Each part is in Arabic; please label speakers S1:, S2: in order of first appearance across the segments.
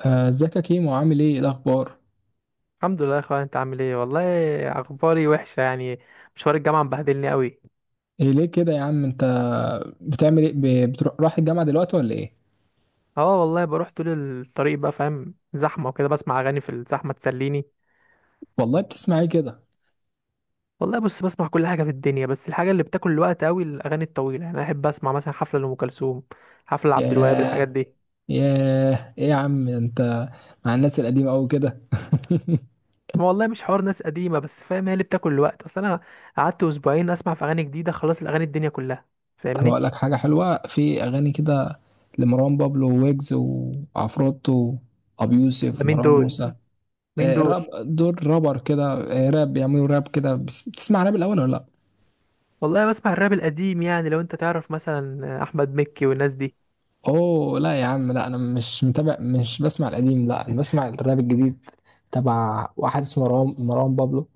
S1: آه، ازيك يا كيمو؟ عامل ايه؟ إيه الاخبار؟
S2: الحمد لله يا اخويا، انت عامل ايه والله. اخباري وحشه يعني، مشوار الجامعه مبهدلني قوي.
S1: إيه ليه كده يا عم انت؟ بتعمل ايه؟ بتروح رايح الجامعه دلوقتي ولا ايه؟
S2: اه والله بروح طول الطريق بقى، فاهم؟ زحمه وكده، بسمع اغاني في الزحمه تسليني.
S1: والله بتسمع ايه كده؟
S2: والله بص، بسمع كل حاجه في الدنيا، بس الحاجه اللي بتاكل الوقت قوي الاغاني الطويله. يعني انا احب اسمع مثلا حفله لام كلثوم، حفله لعبد الوهاب، الحاجات
S1: ياه.
S2: دي.
S1: ياه، ايه يا عم انت؟ مع الناس القديمه قوي كده؟
S2: ما والله مش حوار ناس قديمه، بس فاهم هي اللي بتاكل الوقت. اصل انا قعدت اسبوعين اسمع في اغاني جديده خلاص، الاغاني الدنيا كلها،
S1: طب اقول
S2: فاهمني؟
S1: لك حاجه حلوه في اغاني كده، لمروان بابلو ويجز وعفروتو، ابو
S2: ده
S1: يوسف،
S2: مين
S1: مروان
S2: دول؟
S1: موسى.
S2: مين
S1: آه،
S2: دول؟
S1: راب. دول رابر كده. آه، راب، بيعملوا راب كده. بتسمع راب الاول ولا لا؟
S2: والله بسمع الراب القديم يعني، لو انت تعرف مثلا احمد مكي والناس دي.
S1: اوه لا يا عم، لا، انا مش متابع، مش بسمع القديم، لا انا بسمع الراب الجديد، تبع واحد اسمه مروان مروان بابلو،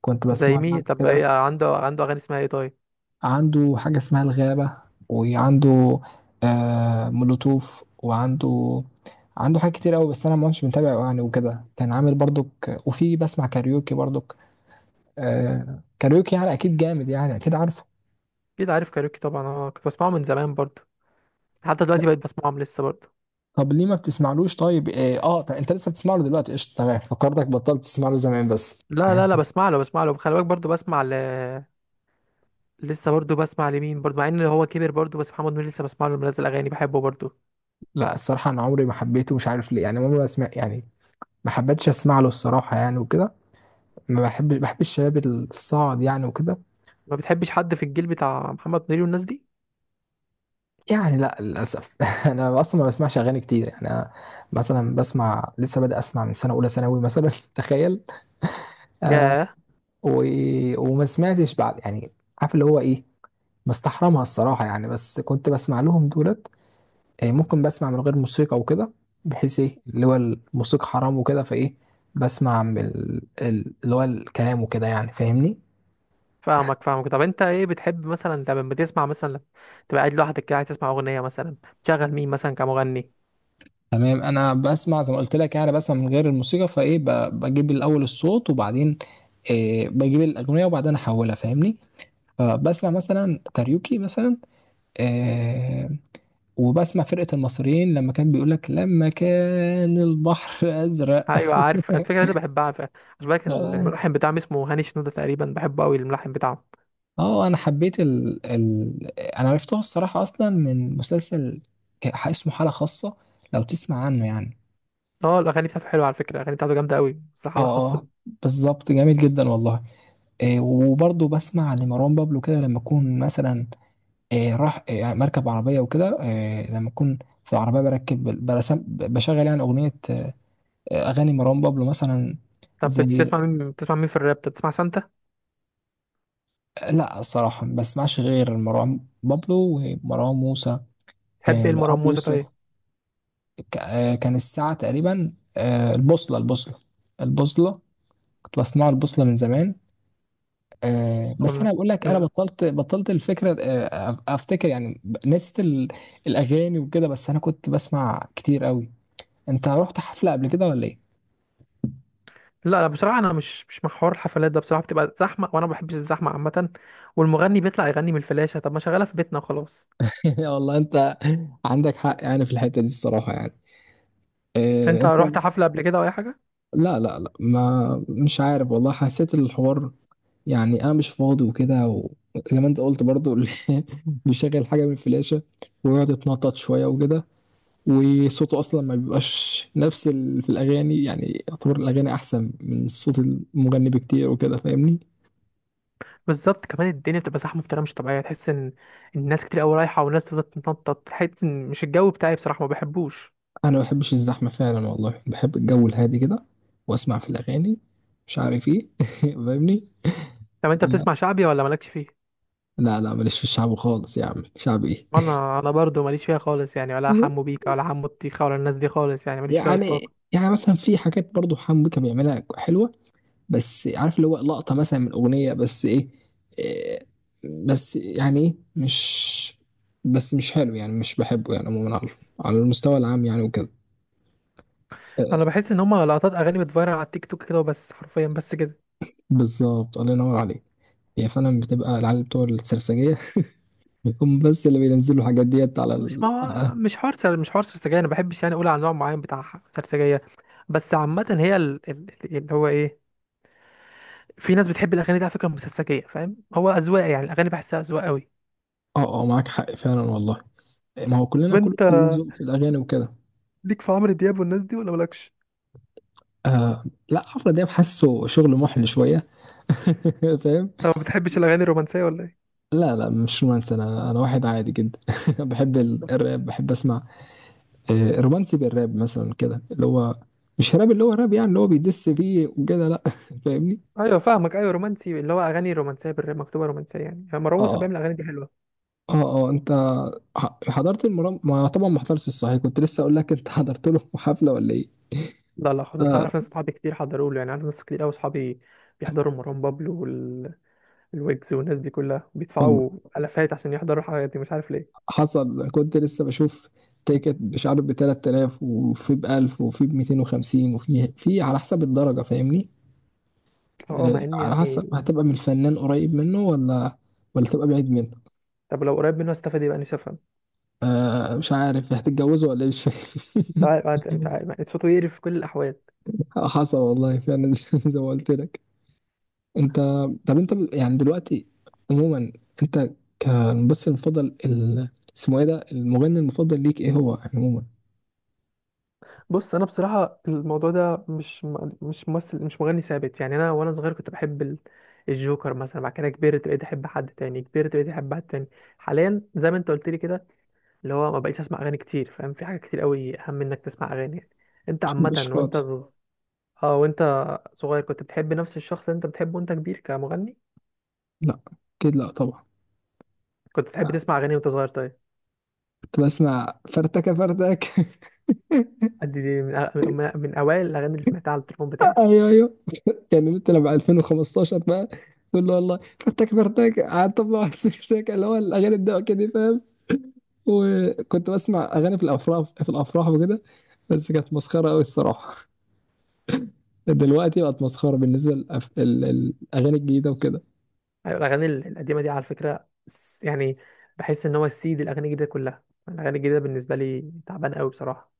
S1: كنت بسمع
S2: زي
S1: عنه
S2: مين طب؟
S1: كده.
S2: ايه عنده؟ عنده اغاني اسمها ايه طيب؟
S1: عنده حاجة اسمها الغابة، وعنده آه مولوتوف، وعنده، عنده حاجات كتير قوي، بس انا ما كنتش متابعه يعني وكده، كان عامل برضك، وفي بسمع كاريوكي برضك. آه كاريوكي، يعني اكيد جامد، يعني اكيد عارفه.
S2: اكيد عارف كاريوكي طبعا، انا كنت بسمعه من زمان برضو، حتى دلوقتي بقيت بسمعهم لسه برضو.
S1: طب ليه ما بتسمعلوش؟ طيب طب انت لسه بتسمع له دلوقتي؟ قشطه، تمام، فكرتك بطلت تسمع له زمان بس.
S2: لا، بسمع له، بسمع له، خلي بالك، برضو بسمع ل... لسه برضو بسمع لمين برضو، مع ان هو كبر برضو، بس محمد منير لسه بسمع له، منزل اغاني بحبه برضو.
S1: لا الصراحة أنا عمري ما حبيته، مش عارف ليه يعني، عمري ما أسمع يعني، ما حبيتش أسمع له الصراحة يعني وكده. ما بحب بحب الشباب الصاعد يعني وكده.
S2: ما بتحبش حد في الجيل بتاع محمد منير والناس دي؟
S1: يعني لا للأسف. أنا أصلا ما بسمعش أغاني كتير يعني، أنا مثلا بسمع، لسه بادئ أسمع من سنة أولى ثانوي مثلا. تخيل. آه.
S2: ياه.
S1: و... وما سمعتش بعد يعني، عارف اللي هو إيه، مستحرمها الصراحة يعني، بس كنت بسمع لهم دولت. آه، ممكن بسمع من غير موسيقى وكده، بحيث ايه اللي هو الموسيقى حرام وكده فايه، بسمع من اللي هو الكلام وكده يعني، فاهمني؟
S2: فاهمك، فاهمك. طب انت ايه بتحب مثلا؟ انت لما بتسمع مثلا، لما تبقى قاعد لوحدك كده عايز تسمع اغنيه مثلا، تشغل مين مثلا كمغني؟
S1: تمام، انا بسمع زي ما قلت لك يعني، بسمع من غير الموسيقى فايه، بجيب الاول الصوت وبعدين إيه، بجيب الاغنيه وبعدين احولها، فاهمني؟ فبسمع مثلا كاريوكي مثلا، إيه، وبسمع فرقه المصريين، لما كان بيقول لك لما كان البحر ازرق.
S2: ايوه، عارف الفكره دي بحبها. عارف عشان بالك، الملحن بتاعهم اسمه هاني شنودة تقريبا، بحبه قوي الملحن بتاعه.
S1: اه انا حبيت انا عرفته الصراحه اصلا من مسلسل اسمه حاله خاصه، لو تسمع عنه يعني.
S2: اه الاغاني بتاعته حلوه على فكره، الاغاني بتاعته جامده قوي، بس
S1: اه.
S2: حاله خاصه.
S1: اه، بالظبط، جميل جدا والله. إيه، وبرضه بسمع لمروان بابلو كده لما اكون مثلا إيه، راح إيه، مركب عربيه وكده، إيه لما اكون في عربيه بركب، برسم بشغل يعني اغنيه، آه، اغاني مروان بابلو مثلا.
S2: طب
S1: زي،
S2: بتسمع مين؟ بتسمع مين في الراب؟ طب بتسمع سانتا؟
S1: لا الصراحه ما بسمعش غير مروان بابلو ومروان موسى.
S2: تحب ايه
S1: إيه، ابو
S2: المرموزه طيب؟
S1: يوسف. آه، كان الساعة تقريبا آه، البوصلة، البوصلة، البوصلة، كنت بصنع البوصلة من زمان. آه، بس
S2: أغنية.
S1: أنا بقول لك، أنا
S2: ال-.
S1: بطلت، الفكرة آه، أفتكر يعني، نسيت الأغاني وكده، بس أنا كنت بسمع كتير قوي. أنت رحت حفلة قبل كده ولا إيه؟
S2: لا، بصراحه انا مش مع حوار الحفلات ده، بصراحه بتبقى زحمه، وانا ما بحبش الزحمه عامه. والمغني بيطلع يغني من الفلاشه، طب ما شغاله في بيتنا وخلاص.
S1: يا والله أنت، عندك حق يعني في الحتة دي الصراحة يعني. آه،
S2: انت
S1: أنت،
S2: رحت حفله قبل كده او اي حاجه؟
S1: لا لا لا، ما، مش عارف والله، حسيت الحوار يعني انا مش فاضي وكده، وزي ما انت قلت برضو. بيشغل حاجه من الفلاشه، ويقعد يتنطط شويه وكده، وصوته اصلا ما بيبقاش نفس ال... في الاغاني، يعني يعتبر الاغاني احسن من صوت المغني بكتير وكده، فاهمني؟
S2: بالظبط. كمان الدنيا بتبقى زحمه بطريقه مش طبيعيه، تحس ان الناس كتير قوي رايحه، والناس بتفضل تتنطط، تحس ان مش الجو بتاعي بصراحه، ما بحبوش.
S1: انا ما بحبش الزحمه فعلا والله، بحب الجو الهادي كده، واسمع في الاغاني، مش عارف ايه. فاهمني؟
S2: طب انت
S1: أنا...
S2: بتسمع شعبي ولا مالكش فيه؟
S1: لا لا، ماليش في الشعب خالص يا عم، شعب ايه؟
S2: انا، انا برضو ماليش فيها خالص يعني، ولا حمو بيكا، ولا حمو الطيخه، ولا الناس دي خالص، يعني ماليش فيها اطلاقا.
S1: يعني، يعني مثلا في حاجات برضو حمو بيكا بيعملها حلوه، بس عارف اللي هو، لقطة مثلا من أغنية، بس إيه، إيه، بس يعني إيه، مش، بس مش حلو يعني، مش بحبه يعني عموما، على على المستوى العام يعني وكده.
S2: انا
S1: إيه،
S2: بحس ان هما لقطات اغاني بتفيرل على التيك توك كده وبس، حرفيا بس كده.
S1: بالظبط، الله ينور عليك. هي فعلا بتبقى العيال بتوع السرسجية. هم بس اللي بينزلوا الحاجات ديت على
S2: مش،
S1: ال...
S2: ما
S1: على...
S2: هو مش حوار سر، مش حوار سرسجيه، انا ما بحبش يعني اقول على نوع معين بتاع ح- سرسجيه. بس عامه هي ال- ال- اللي هو ايه، في ناس بتحب الاغاني دي على فكره مسلسجيه، فاهم؟ هو اذواق يعني، الاغاني بحسها اذواق قوي.
S1: اه اه، معاك حق فعلا والله، ما هو كلنا،
S2: وانت
S1: كل ذوق في الأغاني وكده.
S2: ليك في عمرو دياب والناس دي ولا مالكش؟
S1: آه لا، عفرة دياب حاسه شغل محل شوية. فاهم؟
S2: طب ما بتحبش الاغاني الرومانسيه ولا ايه؟
S1: لا لا، مش رومانسي، انا واحد عادي جدا. بحب
S2: طب.
S1: الراب، بحب اسمع آه، رومانسي بالراب مثلا كده، اللي هو مش راب، اللي هو راب يعني اللي هو بيدس فيه وكده، لا. فاهمني؟
S2: ايوه فاهمك، ايوه رومانسي اللي هو اغاني رومانسيه بالر- مكتوبه رومانسيه يعني. يعني مروان موسى
S1: اه
S2: بيعمل اغاني دي حلوه.
S1: اه. اه انت، حضرت المرام، ما طبعا ما حضرتش الصحيح، كنت لسه اقول لك انت. حضرت له حفله ولا ايه؟
S2: لا، خ- بس
S1: اه
S2: اعرف ناس صحابي كتير حضروا له، يعني عارف ناس كتير قوي صحابي بيحضروا مروان بابلو والويجز والناس دي كلها،
S1: والله،
S2: بيدفعوا الافات عشان يحضروا الحاجات دي، مش عارف ليه.
S1: حصل كنت لسه بشوف تيكت، مش عارف ب 3000، وفي ب 1000، وفي ب 250، وفي، في على حسب الدرجه، فاهمني؟
S2: اه
S1: آه،
S2: مع ان
S1: على حسب
S2: يعني،
S1: هتبقى من الفنان قريب منه، ولا ولا تبقى بعيد منه.
S2: طب لو قريب منه استفاد، يبقى نفسي افهم.
S1: آه مش عارف، هتتجوزه ولا إيه؟ مش
S2: مش
S1: فاهم.
S2: عارف، مش عارف، صوته يقرف في كل الاحوال.
S1: حصل والله فعلا. زي ما قلت لك. انت، طب انت يعني دلوقتي، عموما، انت، كالممثل المفضل ال... اسمه ايه ده، المغني المفضل ليك ايه هو يعني عموما؟
S2: بص انا بصراحه الموضوع ده مش م- مش ممثل مش مغني ثابت يعني، انا وانا صغير كنت بحب ال- الجوكر مثلا، بعد كده كبرت بقيت احب حد تاني، كبرت بقيت احب حد تاني. حاليا زي ما انت قلت لي كده، اللي هو ما بقيتش اسمع اغاني كتير، فاهم؟ في حاجه كتير قوي اهم انك تسمع اغاني يعني. انت عامه،
S1: مش
S2: وانت،
S1: فاضي.
S2: اه، وانت صغير كنت بتحب نفس الشخص اللي انت بتحبه وانت كبير كمغني؟
S1: لا، اكيد لا طبعا.
S2: كنت بتحب تسمع اغاني وانت صغير طيب؟
S1: كنت بسمع فرتكه فرتك.
S2: دي، دي من أ- من اوائل الاغاني اللي سمعتها على التليفون بتاعي.
S1: ايوه ايوه، كان انت لما 2015 بقى، تقول له والله فرتك فرتك، قعدت طبلة واحد سكسك. اللي هو الاغاني الضحك دي، فاهم؟ وكنت بسمع اغاني في الافراح، وكده، بس كانت مسخره قوي الصراحه. دلوقتي بقت مسخره بالنسبه للأف... الاغاني الجديده وكده.
S2: أيوة، الاغاني ال- القديمه دي على فكره س- يعني بحس ان هو السيد، الاغاني الجديده كلها، الاغاني الجديده بالنسبه لي تعبان قوي بصراحه.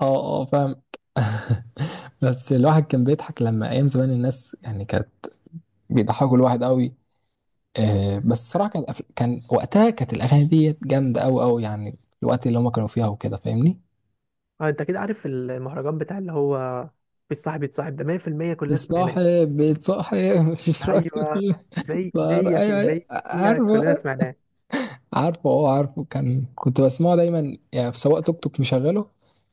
S1: اه اه فاهم. بس الواحد كان بيضحك لما ايام زمان، الناس يعني كانت بيضحكوا الواحد قوي. آه بس الصراحه كانت أف... كان وقتها كانت الاغاني دي جامده قوي قوي يعني، الوقت اللي هما كانوا فيها وكده، فاهمني؟
S2: اه انت كده عارف المهرجان بتاع اللي هو مفيش صاحب يتصاحب ده؟ 100% كلنا سمعناه.
S1: بتصاحب. مش
S2: ايوه،
S1: راجل. فار- ايوه، أيوة،
S2: 100% كلنا
S1: عارفه،
S2: سمعناه.
S1: عارفه اه، عارفه، كان كنت بسمعه دايما يعني، في سواق توك توك مشغله،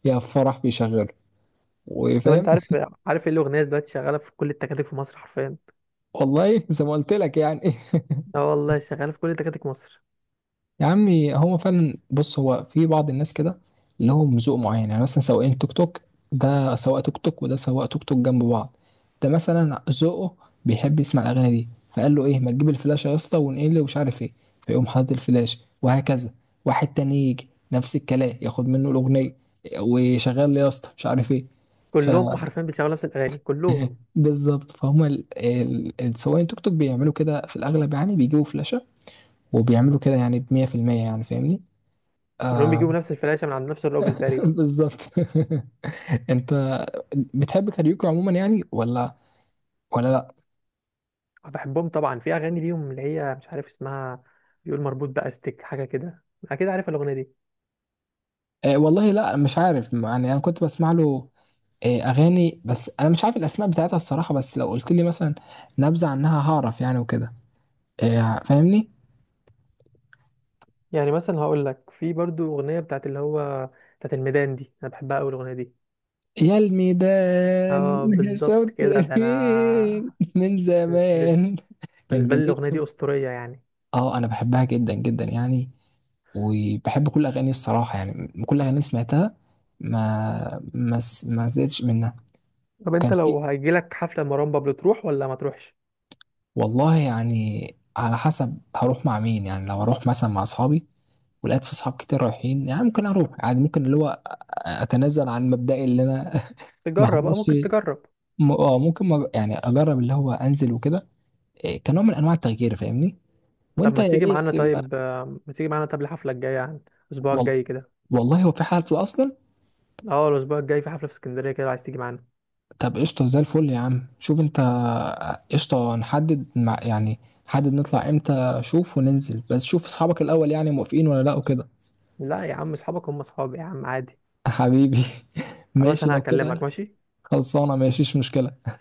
S1: يا في فرح بيشغله،
S2: طب
S1: وفاهم.
S2: انت عارف، عارف ايه الاغنيه دلوقتي شغاله في كل التكاتك في مصر حرفيا؟
S1: والله. زي ما قلت لك يعني.
S2: اه والله شغاله في كل تكاتك مصر.
S1: يا عمي، هو فعلا بص، هو في بعض الناس كده لهم ذوق معين يعني، مثلا سواقين توك توك، ده سواق توك توك وده سواق توك توك جنب بعض، ده مثلا ذوقه بيحب يسمع الاغاني دي، فقال له ايه، ما تجيب الفلاش يا اسطى ونقل ومش عارف ايه، فيقوم حاطط الفلاش وهكذا. واحد تاني يجي نفس الكلام ياخد منه الاغنيه، وشغال لي يا اسطى مش عارف ايه. ف
S2: كلهم حرفيا بيشغلوا نفس الاغاني كلهم،
S1: بالظبط، فهم السواقين توك توك بيعملوا كده في الاغلب يعني، بيجيبوا فلاشه وبيعملوا كده يعني، ب 100%، يعني فاهمني؟
S2: كلهم
S1: آه.
S2: بيجيبوا نفس الفلاشه من عند نفس الراجل تقريبا.
S1: بالظبط. انت بتحب كاريوكي عموما يعني، ولا ولا لا؟
S2: آه، بحبهم طبعا، في اغاني ليهم اللي هي مش عارف اسمها، بيقول مربوط باستك حاجه كده، اكيد عارف الاغنيه دي.
S1: اه والله لا، مش عارف يعني، انا كنت بسمع له اه اغاني، بس انا مش عارف الاسماء بتاعتها الصراحه، بس لو قلت لي مثلا نبذه عنها هعرف يعني وكده، اه فاهمني؟
S2: يعني مثلا هقول لك، في برضو اغنيه بتاعت اللي هو بتاعت الميدان دي، انا بحبها قوي الاغنيه دي.
S1: يا الميدان
S2: اه بالظبط
S1: شوت،
S2: كده، ده انا
S1: من زمان، كان
S2: بالنسبه لي
S1: جميل.
S2: الاغنيه دي اسطوريه يعني.
S1: اه انا بحبها جدا جدا يعني، وبحب كل اغاني الصراحه يعني، كل اغاني سمعتها ما ما ما زهقتش منها،
S2: طب
S1: وكان
S2: انت
S1: في.
S2: لو هيجيلك حفله مروان بابلو تروح ولا ما تروحش؟
S1: والله يعني، على حسب هروح مع مين يعني، لو هروح مثلا مع اصحابي ولقيت في اصحاب كتير رايحين، يعني ممكن اروح، يعني ممكن اللي هو اتنازل عن مبدئي اللي انا. ما
S2: تجرب، اه
S1: احضرش؟
S2: ممكن تجرب.
S1: اه ممكن، يعني اجرب اللي هو انزل وكده، إيه، كنوع من انواع التغيير، فاهمني؟
S2: طب
S1: وانت
S2: ما
S1: يا
S2: تيجي
S1: ريت
S2: معانا طيب؟ آه، ما تيجي معانا طب الحفله الجايه يعني، الاسبوع
S1: وال-
S2: الجاي كده.
S1: والله هو في حالة اصلا.
S2: اه الاسبوع الجاي في حفله في اسكندريه كده، لو عايز تيجي معانا.
S1: طب قشطة، زي الفل يا عم، شوف انت، قشطة نحدد مع يعني، نحدد نطلع امتى، شوف وننزل، بس شوف اصحابك الاول يعني موافقين ولا لا وكده.
S2: لا يا عم، اصحابك هم اصحابي يا عم، عادي.
S1: حبيبي.
S2: خلاص
S1: ماشي
S2: انا
S1: لو
S2: هكلمك،
S1: كده.
S2: ماشي.
S1: خلصانة، ماشيش مشكلة.